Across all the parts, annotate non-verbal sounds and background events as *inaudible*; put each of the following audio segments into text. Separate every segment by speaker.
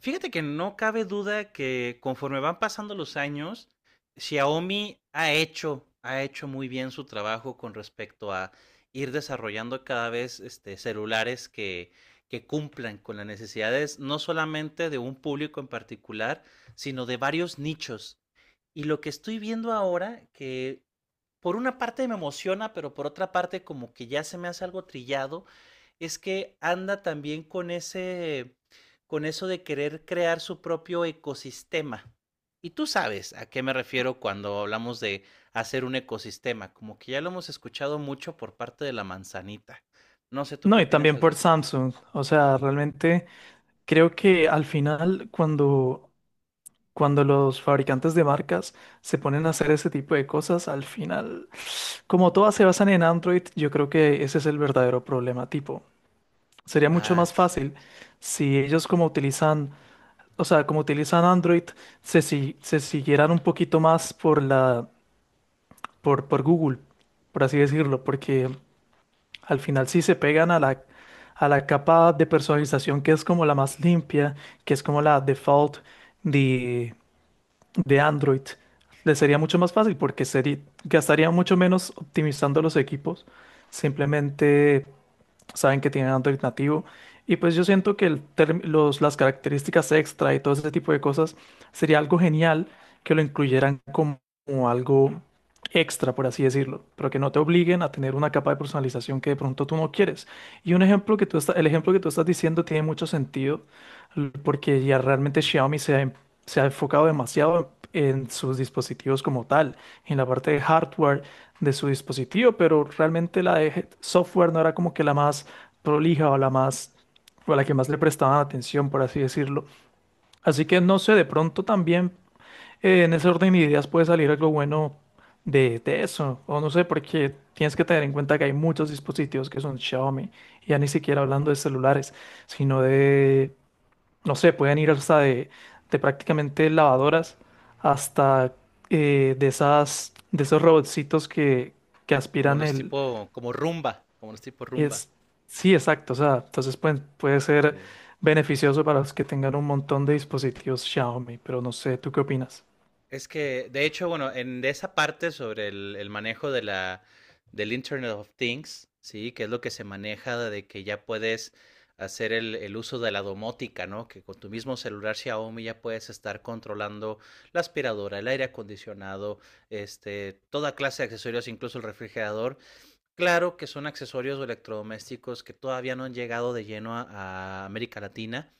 Speaker 1: Fíjate que no cabe duda que conforme van pasando los años, Xiaomi ha hecho muy bien su trabajo con respecto a ir desarrollando cada vez celulares que cumplan con las necesidades no solamente de un público en particular, sino de varios nichos. Y lo que estoy viendo ahora, que por una parte me emociona, pero por otra parte como que ya se me hace algo trillado, es que anda también con eso de querer crear su propio ecosistema. Y tú sabes a qué me refiero cuando hablamos de hacer un ecosistema, como que ya lo hemos escuchado mucho por parte de la manzanita. No sé tú qué
Speaker 2: No, y
Speaker 1: opinas
Speaker 2: también
Speaker 1: al
Speaker 2: por
Speaker 1: respecto.
Speaker 2: Samsung. O sea, realmente creo que al final cuando los fabricantes de marcas se ponen a hacer ese tipo de cosas, al final, como todas se basan en Android, yo creo que ese es el verdadero problema. Tipo, sería mucho
Speaker 1: Ah,
Speaker 2: más fácil
Speaker 1: exacto.
Speaker 2: si ellos como como utilizan Android, se, si- se siguieran un poquito más por Google, por así decirlo, porque al final sí se pegan a la capa de personalización que es como la más limpia, que es como la default de, de Android. Les sería mucho más fácil porque gastaría mucho menos optimizando los equipos. Simplemente saben que tienen Android nativo. Y pues yo siento que las características extra y todo ese tipo de cosas sería algo genial que lo como algo extra, por así decirlo, pero que no te obliguen a tener una capa de personalización que de pronto tú no quieres. Y un ejemplo que tú está- el ejemplo que tú estás diciendo tiene mucho sentido porque ya realmente Xiaomi se ha, en- se ha enfocado demasiado en sus dispositivos como tal, en la parte de hardware de su dispositivo, pero realmente la de Head Software no era como que la más prolija o la más o la que más le prestaban atención, por así decirlo. Así que no sé, de pronto también en ese orden de ideas puede salir algo bueno de eso, o no sé, porque tienes que tener en cuenta que hay muchos dispositivos que son Xiaomi, ya ni siquiera hablando de celulares, sino de no sé, pueden ir hasta de prácticamente lavadoras hasta de esos robotcitos que
Speaker 1: Como
Speaker 2: aspiran
Speaker 1: los
Speaker 2: el,
Speaker 1: tipo, como rumba, como los tipo rumba.
Speaker 2: es, sí, exacto, o sea, puede ser
Speaker 1: Sí.
Speaker 2: beneficioso para los que tengan un montón de dispositivos Xiaomi, pero no sé, ¿tú qué opinas?
Speaker 1: Es que, de hecho, bueno, en de esa parte sobre el manejo de la, del Internet of Things, ¿sí? Que es lo que se maneja de que ya puedes hacer uso de la domótica, ¿no? Que con tu mismo celular Xiaomi ya puedes estar controlando la aspiradora, el aire acondicionado, toda clase de accesorios, incluso el refrigerador. Claro que son accesorios o electrodomésticos que todavía no han llegado de lleno a América Latina,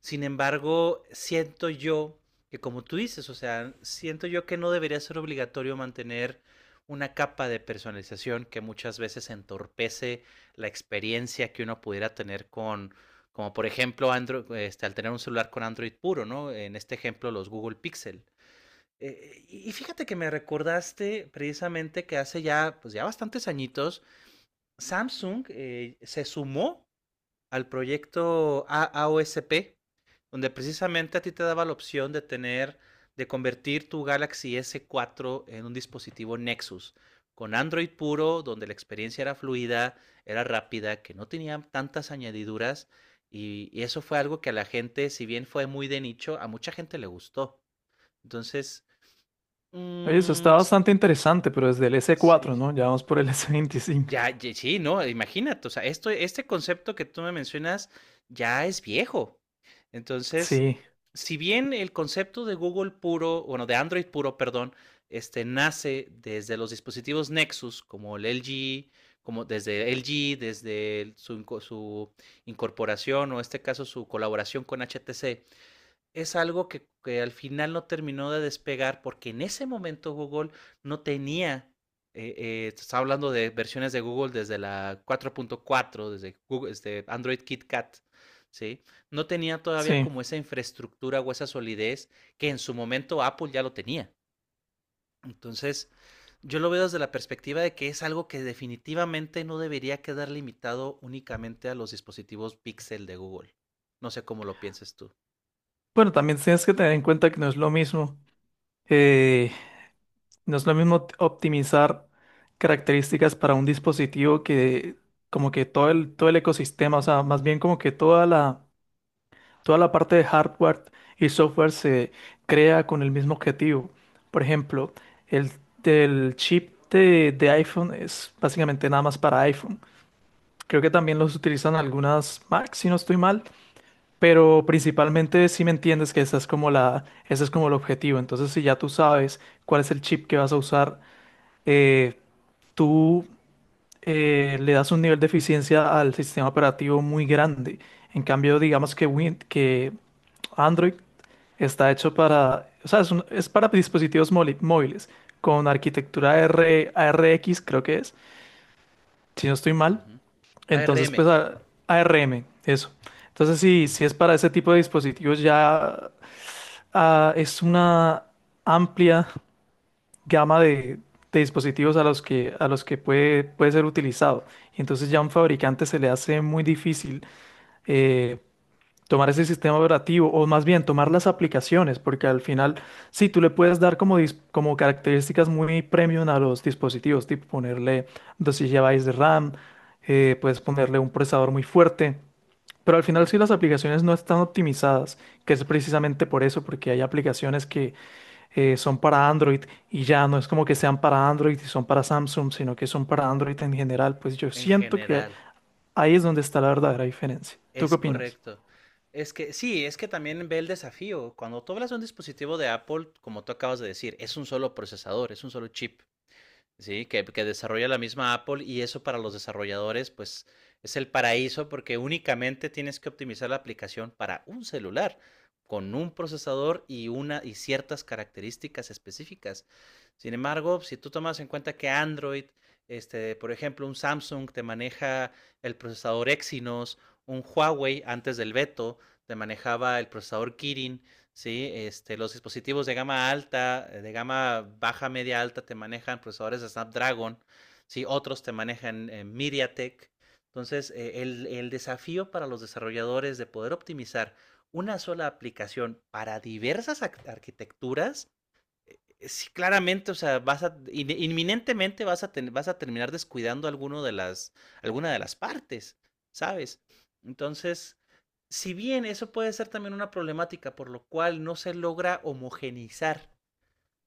Speaker 1: sin embargo, siento yo que como tú dices, o sea, siento yo que no debería ser obligatorio mantener una capa de personalización que muchas veces entorpece la experiencia que uno pudiera tener con, como por ejemplo, Android, al tener un celular con Android puro, ¿no? En este ejemplo, los Google Pixel. Y fíjate que me recordaste precisamente que hace ya, pues ya bastantes añitos, Samsung se sumó al proyecto AAOSP, donde precisamente a ti te daba la opción de tener, de convertir tu Galaxy S4 en un dispositivo Nexus, con Android puro, donde la experiencia era fluida, era rápida, que no tenía tantas añadiduras, y eso fue algo que a la gente, si bien fue muy de nicho, a mucha gente le gustó. Entonces,
Speaker 2: Oye, eso
Speaker 1: mm,
Speaker 2: está bastante interesante, pero desde el s
Speaker 1: sí.
Speaker 2: cuatro ¿no? Ya vamos por el *laughs* S25.
Speaker 1: Ya, sí, no, imagínate, o sea, este concepto que tú me mencionas ya es viejo. Entonces,
Speaker 2: Sí,
Speaker 1: si bien el concepto de Google puro, bueno, de Android puro, perdón, este nace desde los dispositivos Nexus, como el LG, como desde LG, desde su incorporación o en este caso su colaboración con HTC, es algo que al final no terminó de despegar porque en ese momento Google no tenía, estaba hablando de versiones de Google desde la 4.4, desde Google, desde Android KitKat, ¿sí? No tenía todavía
Speaker 2: sí.
Speaker 1: como esa infraestructura o esa solidez que en su momento Apple ya lo tenía. Entonces, yo lo veo desde la perspectiva de que es algo que definitivamente no debería quedar limitado únicamente a los dispositivos Pixel de Google. No sé cómo lo pienses tú.
Speaker 2: Bueno, también tienes que tener en cuenta que no es lo mismo. eh, No es lo mismo optimizar características para un dispositivo que como que todo el ecosistema, o sea, más bien como que toda la parte de hardware y software se crea con el mismo objetivo. Por ejemplo, el, el chip de iPhone es básicamente nada más para iPhone. Creo que también los utilizan algunas Mac, si no estoy mal, pero principalmente si me entiendes que esa es como ese es como el objetivo. Entonces, si ya tú sabes cuál es el chip que vas a usar, eh, tú le das un nivel de eficiencia al sistema operativo muy grande. En cambio, digamos que, Android está hecho para, o sea, es para dispositivos móviles con arquitectura R, ARX, creo que es, si no estoy
Speaker 1: Uh
Speaker 2: mal.
Speaker 1: -huh.
Speaker 2: Entonces,
Speaker 1: ARM.
Speaker 2: pues ARM, eso. Entonces, si, si es para ese tipo de dispositivos, ya es una amplia gama de dispositivos a los que puede ser utilizado. Y entonces ya a un fabricante se le hace muy difícil eh, tomar ese sistema operativo o más bien tomar las aplicaciones, porque al final sí, tú le puedes dar como características muy premium a los dispositivos, tipo ponerle 12 gigabytes de RAM, puedes ponerle un procesador muy fuerte. Pero al final si las
Speaker 1: Ujú.
Speaker 2: aplicaciones no están optimizadas, que es precisamente por eso, porque hay aplicaciones que son para Android y ya no es como que sean para Android y son para Samsung, sino que son para Android en general, pues yo
Speaker 1: En
Speaker 2: siento que
Speaker 1: general,
Speaker 2: ahí es donde está la verdadera diferencia. ¿Tú qué
Speaker 1: es
Speaker 2: opinas?
Speaker 1: correcto. Es que sí, es que también ve el desafío. Cuando tú hablas de un dispositivo de Apple, como tú acabas de decir, es un solo procesador, es un solo chip. Sí, que desarrolla la misma Apple, y eso para los desarrolladores pues es el paraíso porque únicamente tienes que optimizar la aplicación para un celular con un procesador y una y ciertas características específicas. Sin embargo, si tú tomas en cuenta que Android, por ejemplo, un Samsung te maneja el procesador Exynos, un Huawei antes del veto te manejaba el procesador Kirin. Sí, los dispositivos de gama alta, de gama baja, media, alta, te manejan procesadores de Snapdragon, sí, otros te manejan MediaTek. Entonces, el desafío para los desarrolladores de poder optimizar una sola aplicación para diversas arquitecturas, sí, claramente, o sea, inminentemente vas a terminar descuidando alguno de las, alguna de las partes, ¿sabes? Entonces, si bien eso puede ser también una problemática por lo cual no se logra homogenizar,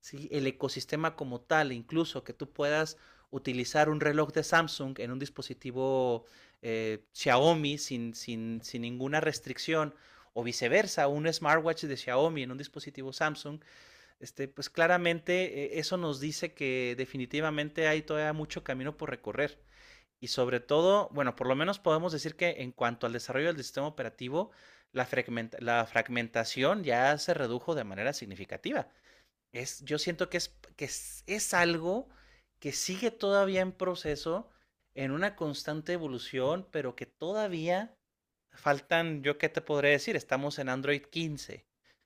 Speaker 1: ¿sí?, el ecosistema como tal, incluso que tú puedas utilizar un reloj de Samsung en un dispositivo Xiaomi sin ninguna restricción, o viceversa, un smartwatch de Xiaomi en un dispositivo Samsung, pues claramente eso nos dice que definitivamente hay todavía mucho camino por recorrer. Y sobre todo, bueno, por lo menos podemos decir que en cuanto al desarrollo del sistema operativo, la fragmentación ya se redujo de manera significativa. Yo siento que es, algo que sigue todavía en proceso, en una constante evolución, pero que todavía faltan, yo qué te podré decir, estamos en Android 15.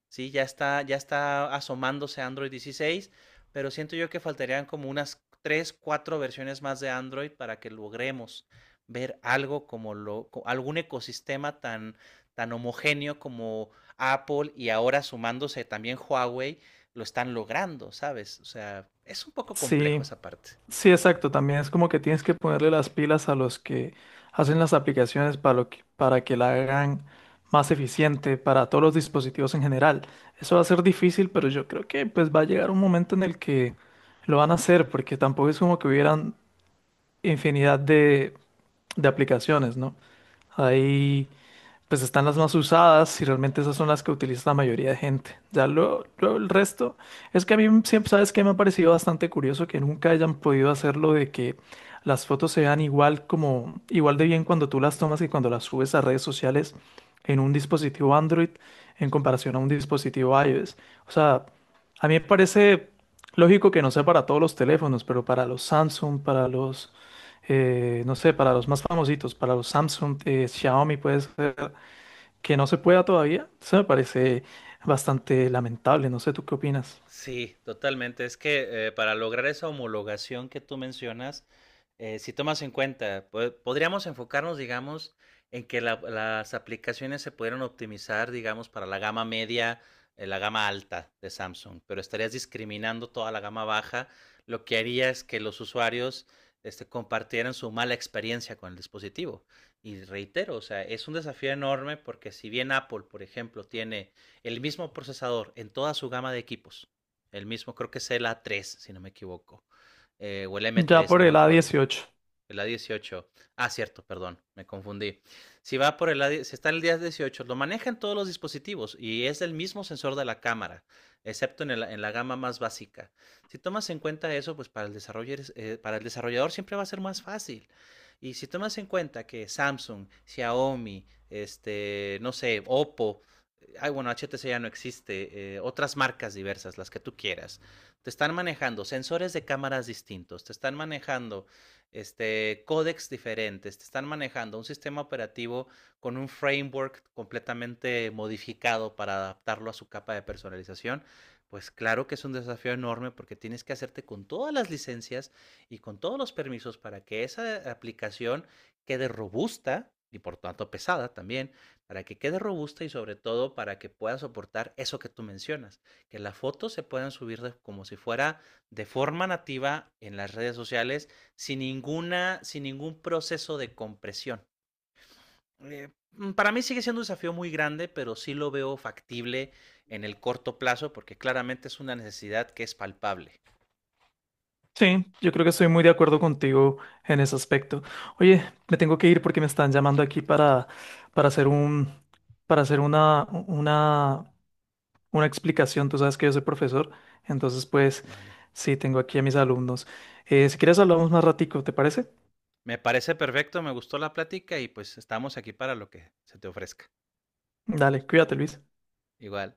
Speaker 1: Sí, ya está asomándose Android 16, pero siento yo que faltarían como unas 3 4 versiones más de Android para que logremos ver algo algún ecosistema tan homogéneo como Apple, y ahora sumándose también Huawei, lo están logrando, ¿sabes? O sea, es un poco complejo
Speaker 2: Sí,
Speaker 1: esa parte.
Speaker 2: sí, exacto. También es como que tienes que ponerle las pilas a los que hacen las aplicaciones para que la hagan más eficiente para todos los dispositivos en general. Eso va a ser difícil, pero yo creo que pues va a llegar un momento en el que lo van a hacer, porque tampoco es como que hubieran infinidad de aplicaciones, ¿no? Hay, pues están las más usadas y realmente esas son las que utiliza la mayoría de gente. Ya luego el resto es que a mí siempre, ¿sabes qué? Me ha parecido bastante curioso que nunca hayan podido hacerlo de que las fotos se vean igual igual de bien cuando tú las tomas y cuando las subes a redes sociales en un dispositivo Android en comparación a un dispositivo iOS. O sea, a mí me parece lógico que no sea para todos los teléfonos, pero para los Samsung, para los no sé, para los más famositos, para los Samsung, Xiaomi puede ser, que no se pueda todavía, eso me parece bastante lamentable. No sé, ¿tú qué opinas?
Speaker 1: Sí, totalmente. Es que para lograr esa homologación que tú mencionas, si tomas en cuenta, podríamos enfocarnos, digamos, en que las aplicaciones se pudieran optimizar, digamos, para la gama media, la gama alta de Samsung, pero estarías discriminando toda la gama baja, lo que haría es que los usuarios compartieran su mala experiencia con el dispositivo. Y reitero, o sea, es un desafío enorme porque si bien Apple, por ejemplo, tiene el mismo procesador en toda su gama de equipos, el mismo, creo que es el A3, si no me equivoco. O el
Speaker 2: Ya
Speaker 1: M3, no
Speaker 2: por
Speaker 1: me
Speaker 2: el a
Speaker 1: acuerdo.
Speaker 2: dieciocho
Speaker 1: El A18. Ah, cierto, perdón, me confundí. Si va por el A18, si está en el A18, lo manejan todos los dispositivos y es el mismo sensor de la cámara, excepto en la gama más básica. Si tomas en cuenta eso, pues para el desarrollador siempre va a ser más fácil. Y si tomas en cuenta que Samsung, Xiaomi, no sé, Oppo, ay, bueno, HTC ya no existe, otras marcas diversas, las que tú quieras, te están manejando sensores de cámaras distintos, te están manejando códex diferentes, te están manejando un sistema operativo con un framework completamente modificado para adaptarlo a su capa de personalización, pues claro que es un desafío enorme porque tienes que hacerte con todas las licencias y con todos los permisos para que esa aplicación quede robusta y, por tanto, pesada también, para que quede robusta y sobre todo para que pueda soportar eso que tú mencionas, que las fotos se puedan subir de, como si fuera de forma nativa en las redes sociales, sin ninguna, sin ningún proceso de compresión. Para mí sigue siendo un desafío muy grande, pero sí lo veo factible en el corto plazo porque claramente es una necesidad que es palpable.
Speaker 2: Sí, yo creo que estoy muy de acuerdo contigo en ese aspecto. Oye, me tengo que ir porque me están llamando aquí para hacer un, para hacer una explicación. Tú sabes que yo soy profesor, entonces pues
Speaker 1: Vale.
Speaker 2: sí, tengo aquí a mis alumnos. Si quieres hablamos más ratico, ¿te parece?
Speaker 1: Me parece perfecto, me gustó la plática y pues estamos aquí para lo que se te ofrezca.
Speaker 2: Dale, cuídate, Luis.
Speaker 1: Igual.